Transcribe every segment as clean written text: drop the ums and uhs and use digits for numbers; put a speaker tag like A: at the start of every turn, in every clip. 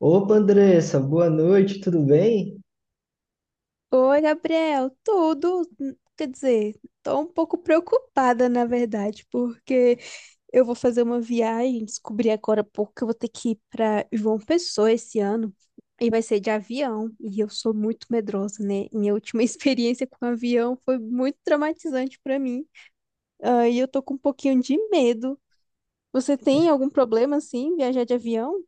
A: Opa, Andressa, boa noite, tudo bem?
B: Oi, Gabriel, tudo? Quer dizer, tô um pouco preocupada, na verdade, porque eu vou fazer uma viagem, descobri agora há pouco que eu vou ter que ir para João Pessoa esse ano, e vai ser de avião, e eu sou muito medrosa, né? Minha última experiência com avião foi muito traumatizante para mim, e eu tô com um pouquinho de medo. Você tem algum problema, assim, em viajar de avião?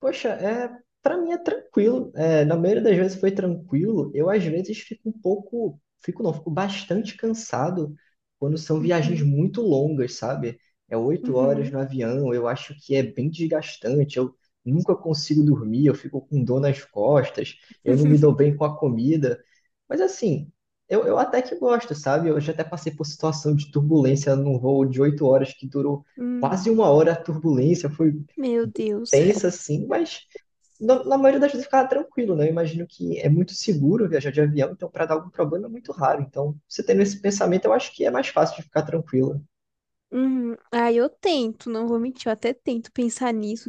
A: Poxa, é, para mim é tranquilo. É, na maioria das vezes foi tranquilo. Eu às vezes fico um pouco, fico não, fico bastante cansado quando são viagens
B: Uhum,
A: muito longas, sabe? É oito horas
B: uhum,
A: no avião, eu acho que é bem desgastante. Eu nunca consigo dormir, eu fico com dor nas costas, eu não me dou bem com a comida. Mas assim, eu até que gosto, sabe? Eu já até passei por situação de turbulência num voo de 8 horas que durou
B: hum,
A: quase uma hora a turbulência, foi
B: meu Deus.
A: tensa, assim, mas na maioria das vezes eu ficava tranquilo, né? Eu imagino que é muito seguro viajar de avião, então para dar algum problema é muito raro. Então, você tendo esse pensamento, eu acho que é mais fácil de ficar tranquilo.
B: Uhum. Ah, eu tento, não vou mentir, eu até tento pensar nisso.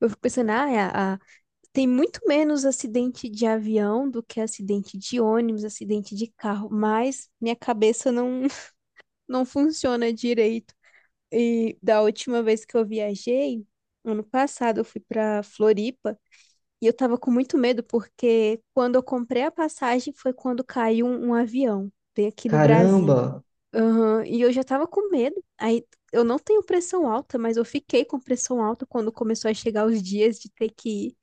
B: Eu fico pensando, ah, tem muito menos acidente de avião do que acidente de ônibus, acidente de carro, mas minha cabeça não, não funciona direito. E da última vez que eu viajei, ano passado, eu fui para Floripa e eu tava com muito medo porque quando eu comprei a passagem foi quando caiu um avião, veio aqui no Brasil.
A: Caramba,
B: Aham. E eu já tava com medo. Aí eu não tenho pressão alta, mas eu fiquei com pressão alta quando começou a chegar os dias de ter que ir.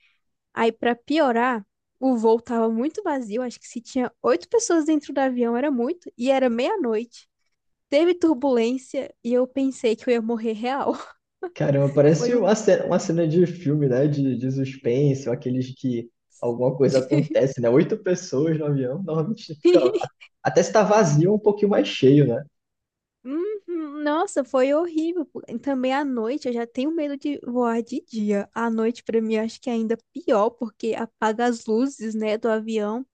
B: Aí, pra piorar, o voo tava muito vazio. Acho que se tinha oito pessoas dentro do avião era muito. E era meia-noite. Teve turbulência e eu pensei que eu ia morrer real.
A: caramba,
B: Foi
A: parece
B: um.
A: uma cena de filme, né? De suspense, ou aqueles que alguma coisa acontece, né? Oito pessoas no avião, normalmente fica. Até se tá vazio, é um pouquinho mais cheio, né?
B: Uhum. Nossa, foi horrível, pô. E também à noite eu já tenho medo de voar de dia. À noite, pra mim, acho que é ainda pior, porque apaga as luzes, né, do avião.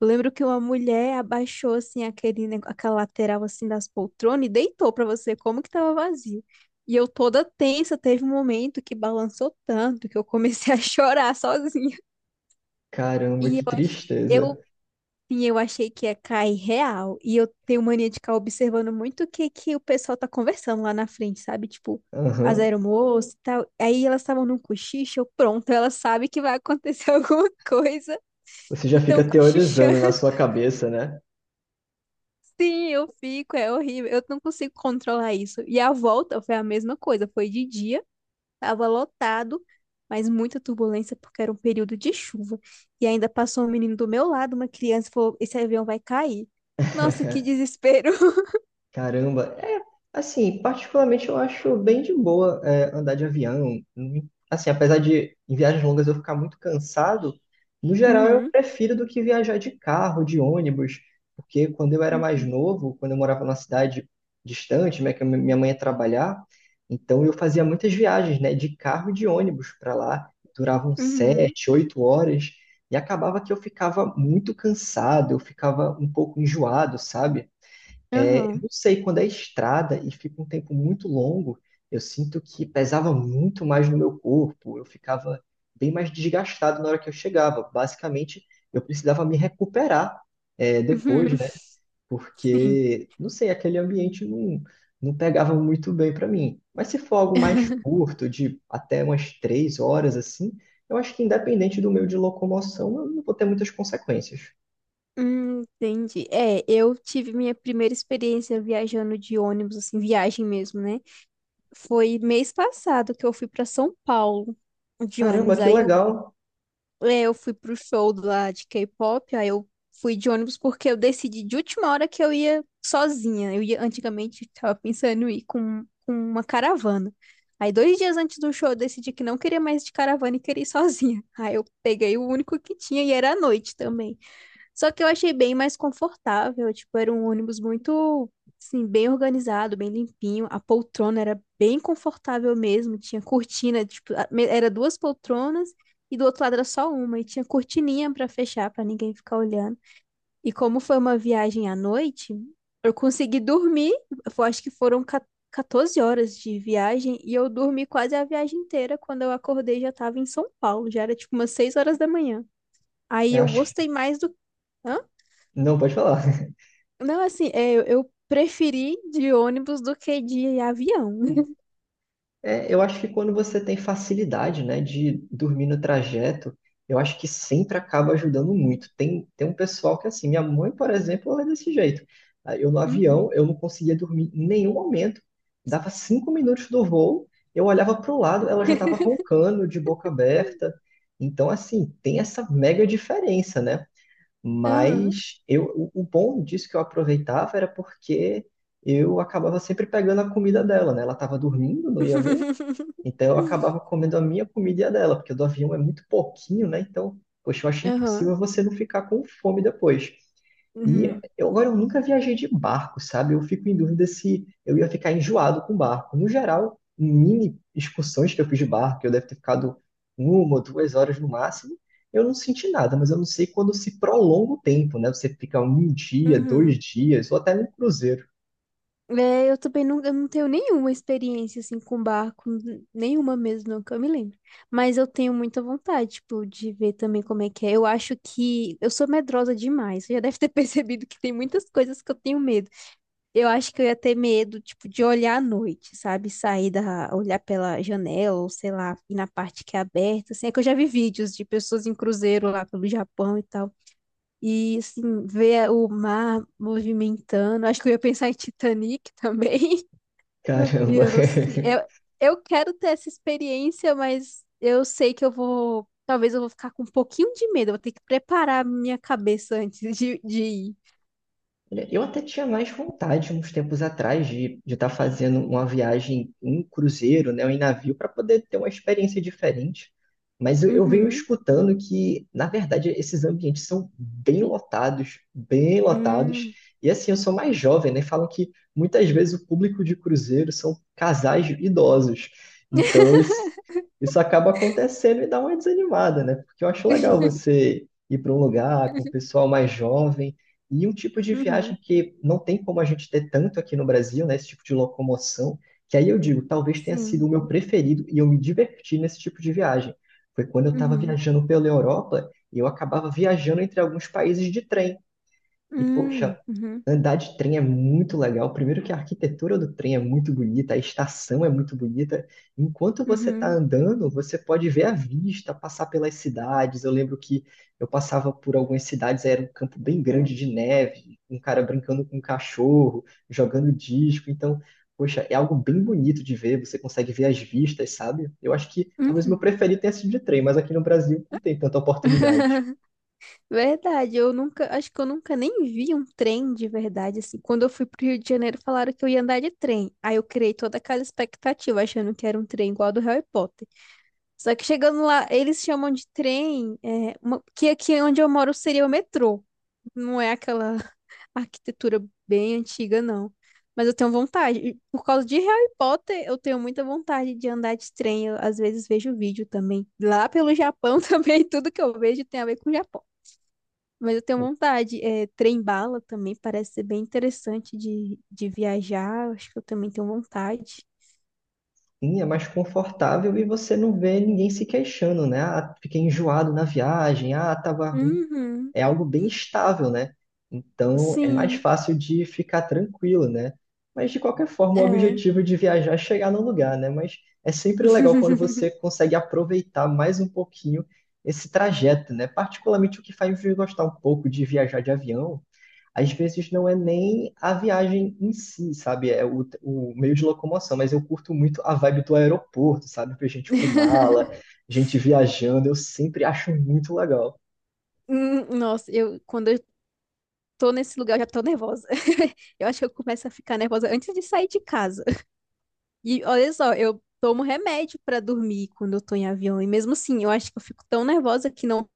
B: Eu lembro que uma mulher abaixou assim aquele, aquela lateral assim das poltronas e deitou pra você como que tava vazio. E eu toda tensa, teve um momento que balançou tanto que eu comecei a chorar sozinha.
A: Caramba,
B: E eu
A: que
B: achei,
A: tristeza.
B: eu, sim, eu achei que ia cair real. E eu tenho mania de ficar observando muito o que que o pessoal tá conversando lá na frente, sabe? Tipo, as
A: Aham.
B: aeromoças e tal. Aí elas estavam num cochicho, eu, pronto, ela sabe que vai acontecer alguma coisa
A: Você já
B: e tão
A: fica teorizando
B: cochichando.
A: na sua cabeça, né?
B: Sim, eu fico, é horrível. Eu não consigo controlar isso. E a volta foi a mesma coisa. Foi de dia, tava lotado, mas muita turbulência porque era um período de chuva. E ainda passou um menino do meu lado, uma criança, e falou: Esse avião vai cair. Nossa, que desespero.
A: Caramba, é assim, particularmente eu acho bem de boa é, andar de avião. Hum. Assim, apesar de em viagens longas eu ficar muito cansado, no geral eu
B: Uhum,
A: prefiro do que viajar de carro, de ônibus, porque quando eu era mais
B: uhum,
A: novo, quando eu morava numa cidade distante, né, que a minha mãe ia trabalhar, então eu fazia muitas viagens, né, de carro e de ônibus para lá, duravam
B: uhum,
A: 7, 8 horas, e acabava que eu ficava muito cansado, eu ficava um pouco enjoado, sabe? É, eu
B: aham,
A: não sei, quando é estrada e fica um tempo muito longo, eu sinto que pesava muito mais no meu corpo, eu ficava bem mais desgastado na hora que eu chegava. Basicamente, eu precisava me recuperar, é, depois,
B: uhum,
A: né?
B: sim.
A: Porque, não sei, aquele ambiente não, não pegava muito bem para mim. Mas se for algo mais curto, de até umas 3 horas assim, eu acho que independente do meio de locomoção, eu não vou ter muitas consequências.
B: Entendi. É, eu tive minha primeira experiência viajando de ônibus, assim, viagem mesmo, né? Foi mês passado que eu fui pra São Paulo de
A: Caramba,
B: ônibus.
A: que
B: Aí eu,
A: legal!
B: é, eu fui pro show lá de K-pop, aí eu fui de ônibus porque eu decidi de última hora que eu ia sozinha. Eu ia antigamente tava pensando em ir com uma caravana. Aí dois dias antes do show eu decidi que não queria mais de caravana e queria ir sozinha. Aí eu peguei o único que tinha e era à noite também. Só que eu achei bem mais confortável, tipo, era um ônibus muito, assim, bem organizado, bem limpinho. A poltrona era bem confortável mesmo, tinha cortina, tipo, era duas poltronas e do outro lado era só uma e tinha cortininha pra fechar pra ninguém ficar olhando. E como foi uma viagem à noite, eu consegui dormir, eu acho que foram 14 horas de viagem e eu dormi quase a viagem inteira. Quando eu acordei já tava em São Paulo, já era tipo umas 6 horas da manhã. Aí
A: Eu
B: eu
A: acho...
B: gostei mais do Hã?
A: Não, pode falar.
B: Não, assim, é, eu preferi de ônibus do que de avião.
A: É, eu acho que quando você tem facilidade, né, de dormir no trajeto, eu acho que sempre acaba ajudando muito. Tem um pessoal que, assim, minha mãe, por exemplo, ela é desse jeito. Ah, eu no avião,
B: Uhum.
A: eu não conseguia dormir em nenhum momento. Dava 5 minutos do voo, eu olhava para o lado, ela já estava roncando, de boca aberta. Então, assim, tem essa mega diferença, né?
B: Aham.
A: Mas eu, o bom disso que eu aproveitava era porque eu acabava sempre pegando a comida dela, né? Ela estava dormindo, não ia ver, então eu acabava comendo a minha comida e a dela, porque a do avião é muito pouquinho, né? Então, poxa, eu achei
B: Aham.
A: impossível você não ficar com fome depois. E
B: Uhum.
A: eu, agora eu nunca viajei de barco, sabe? Eu fico em dúvida se eu ia ficar enjoado com barco. No geral, mini excursões que eu fiz de barco, eu deve ter ficado uma ou 2 horas no máximo, eu não senti nada, mas eu não sei quando se prolonga o tempo, né? Você fica um dia, dois
B: Uhum.
A: dias, ou até num cruzeiro.
B: É, eu também não, eu não tenho nenhuma experiência assim com barco, nenhuma mesmo, não que eu me lembro. Mas eu tenho muita vontade, tipo, de ver também como é que é. Eu acho que eu sou medrosa demais. Você já deve ter percebido que tem muitas coisas que eu tenho medo. Eu acho que eu ia ter medo, tipo, de olhar à noite, sabe? Sair da, olhar pela janela, ou sei lá, ir na parte que é aberta, assim. É que eu já vi vídeos de pessoas em cruzeiro lá pelo Japão e tal. E, assim, ver o mar movimentando. Acho que eu ia pensar em Titanic também. E
A: Caramba.
B: eu não sei. Eu quero ter essa experiência, mas eu sei que eu vou. Talvez eu vou ficar com um pouquinho de medo. Eu vou ter que preparar minha cabeça antes de ir.
A: Olha, eu até tinha mais vontade uns tempos atrás de estar fazendo uma viagem em cruzeiro, né, ou em navio, para poder ter uma experiência diferente. Mas eu venho
B: Uhum.
A: escutando que, na verdade, esses ambientes são bem lotados, bem lotados.
B: Hum.
A: E assim, eu sou mais jovem, né? Falam que muitas vezes o público de cruzeiro são casais idosos. Então isso acaba acontecendo e dá uma desanimada, né? Porque eu acho legal você ir para um lugar com o pessoal mais jovem. E um tipo de viagem
B: Uhum.
A: que não tem como a gente ter tanto aqui no Brasil, né? Esse tipo de locomoção, que aí eu digo, talvez tenha sido o
B: Sim.
A: meu preferido e eu me diverti nesse tipo de viagem. Foi quando eu estava
B: Uhum.
A: viajando pela Europa e eu acabava viajando entre alguns países de trem. E, poxa,
B: Uhum.
A: andar de trem é muito legal. Primeiro que a arquitetura do trem é muito bonita, a estação é muito bonita. Enquanto você está
B: Uhum.
A: andando, você pode ver a vista, passar pelas cidades. Eu lembro que eu passava por algumas cidades, era um campo bem grande de neve, um cara brincando com um cachorro, jogando disco. Então, poxa, é algo bem bonito de ver. Você consegue ver as vistas, sabe? Eu acho que talvez meu
B: Uhum.
A: preferido tenha sido de trem, mas aqui no Brasil não tem tanta oportunidade.
B: Verdade, eu nunca, acho que eu nunca nem vi um trem de verdade, assim. Quando eu fui pro Rio de Janeiro, falaram que eu ia andar de trem. Aí eu criei toda aquela expectativa, achando que era um trem igual ao do Harry Potter. Só que chegando lá, eles chamam de trem, é, que aqui onde eu moro seria o metrô. Não é aquela arquitetura bem antiga, não. Mas eu tenho vontade. E por causa de Harry Potter, eu tenho muita vontade de andar de trem. Eu, às vezes vejo vídeo também. Lá pelo Japão também, tudo que eu vejo tem a ver com o Japão. Mas eu tenho vontade. É, trem-bala também parece ser bem interessante de viajar. Eu acho que eu também tenho vontade.
A: Sim, é mais confortável e você não vê ninguém se queixando, né? Ah, fiquei enjoado na viagem, ah, tava ruim.
B: Uhum.
A: É algo bem estável, né? Então é mais
B: Sim,
A: fácil de ficar tranquilo, né? Mas de qualquer forma, o
B: é.
A: objetivo de viajar é chegar no lugar, né? Mas é sempre legal quando você consegue aproveitar mais um pouquinho esse trajeto, né? Particularmente o que faz me gostar um pouco de viajar de avião às vezes não é nem a viagem em si, sabe? É o meio de locomoção, mas eu curto muito a vibe do aeroporto, sabe? Ver gente com mala, gente viajando, eu sempre acho muito legal.
B: Nossa, eu quando eu tô nesse lugar, eu já tô nervosa. Eu acho que eu começo a ficar nervosa antes de sair de casa. E olha só, eu tomo remédio pra dormir quando eu tô em avião. E mesmo assim, eu acho que eu fico tão nervosa que não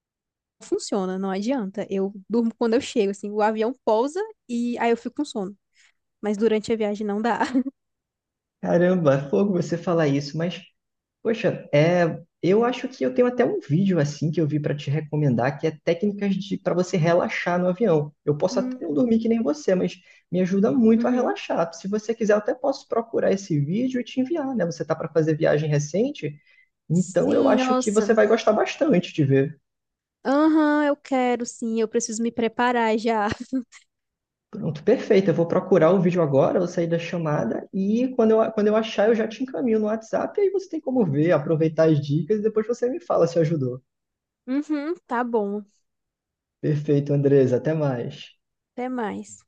B: funciona, não adianta. Eu durmo quando eu chego, assim, o avião pousa e aí eu fico com sono. Mas durante a viagem não dá.
A: Caramba, é fogo você falar isso, mas, poxa, é, eu acho que eu tenho até um vídeo assim que eu vi para te recomendar, que é técnicas de para você relaxar no avião. Eu posso até não
B: Hum,
A: dormir que nem você, mas me ajuda muito a
B: uhum.
A: relaxar. Se você quiser, eu até posso procurar esse vídeo e te enviar, né? Você tá para fazer viagem recente? Então eu
B: Sim,
A: acho que você
B: nossa.
A: vai gostar bastante de ver.
B: Aham, eu quero, sim. Eu preciso me preparar já.
A: Pronto, perfeito. Eu vou procurar o vídeo agora, vou sair da chamada e quando eu achar eu já te encaminho no WhatsApp e aí você tem como ver, aproveitar as dicas e depois você me fala se ajudou.
B: Uhum, tá bom.
A: Perfeito, Andresa. Até mais.
B: Até mais.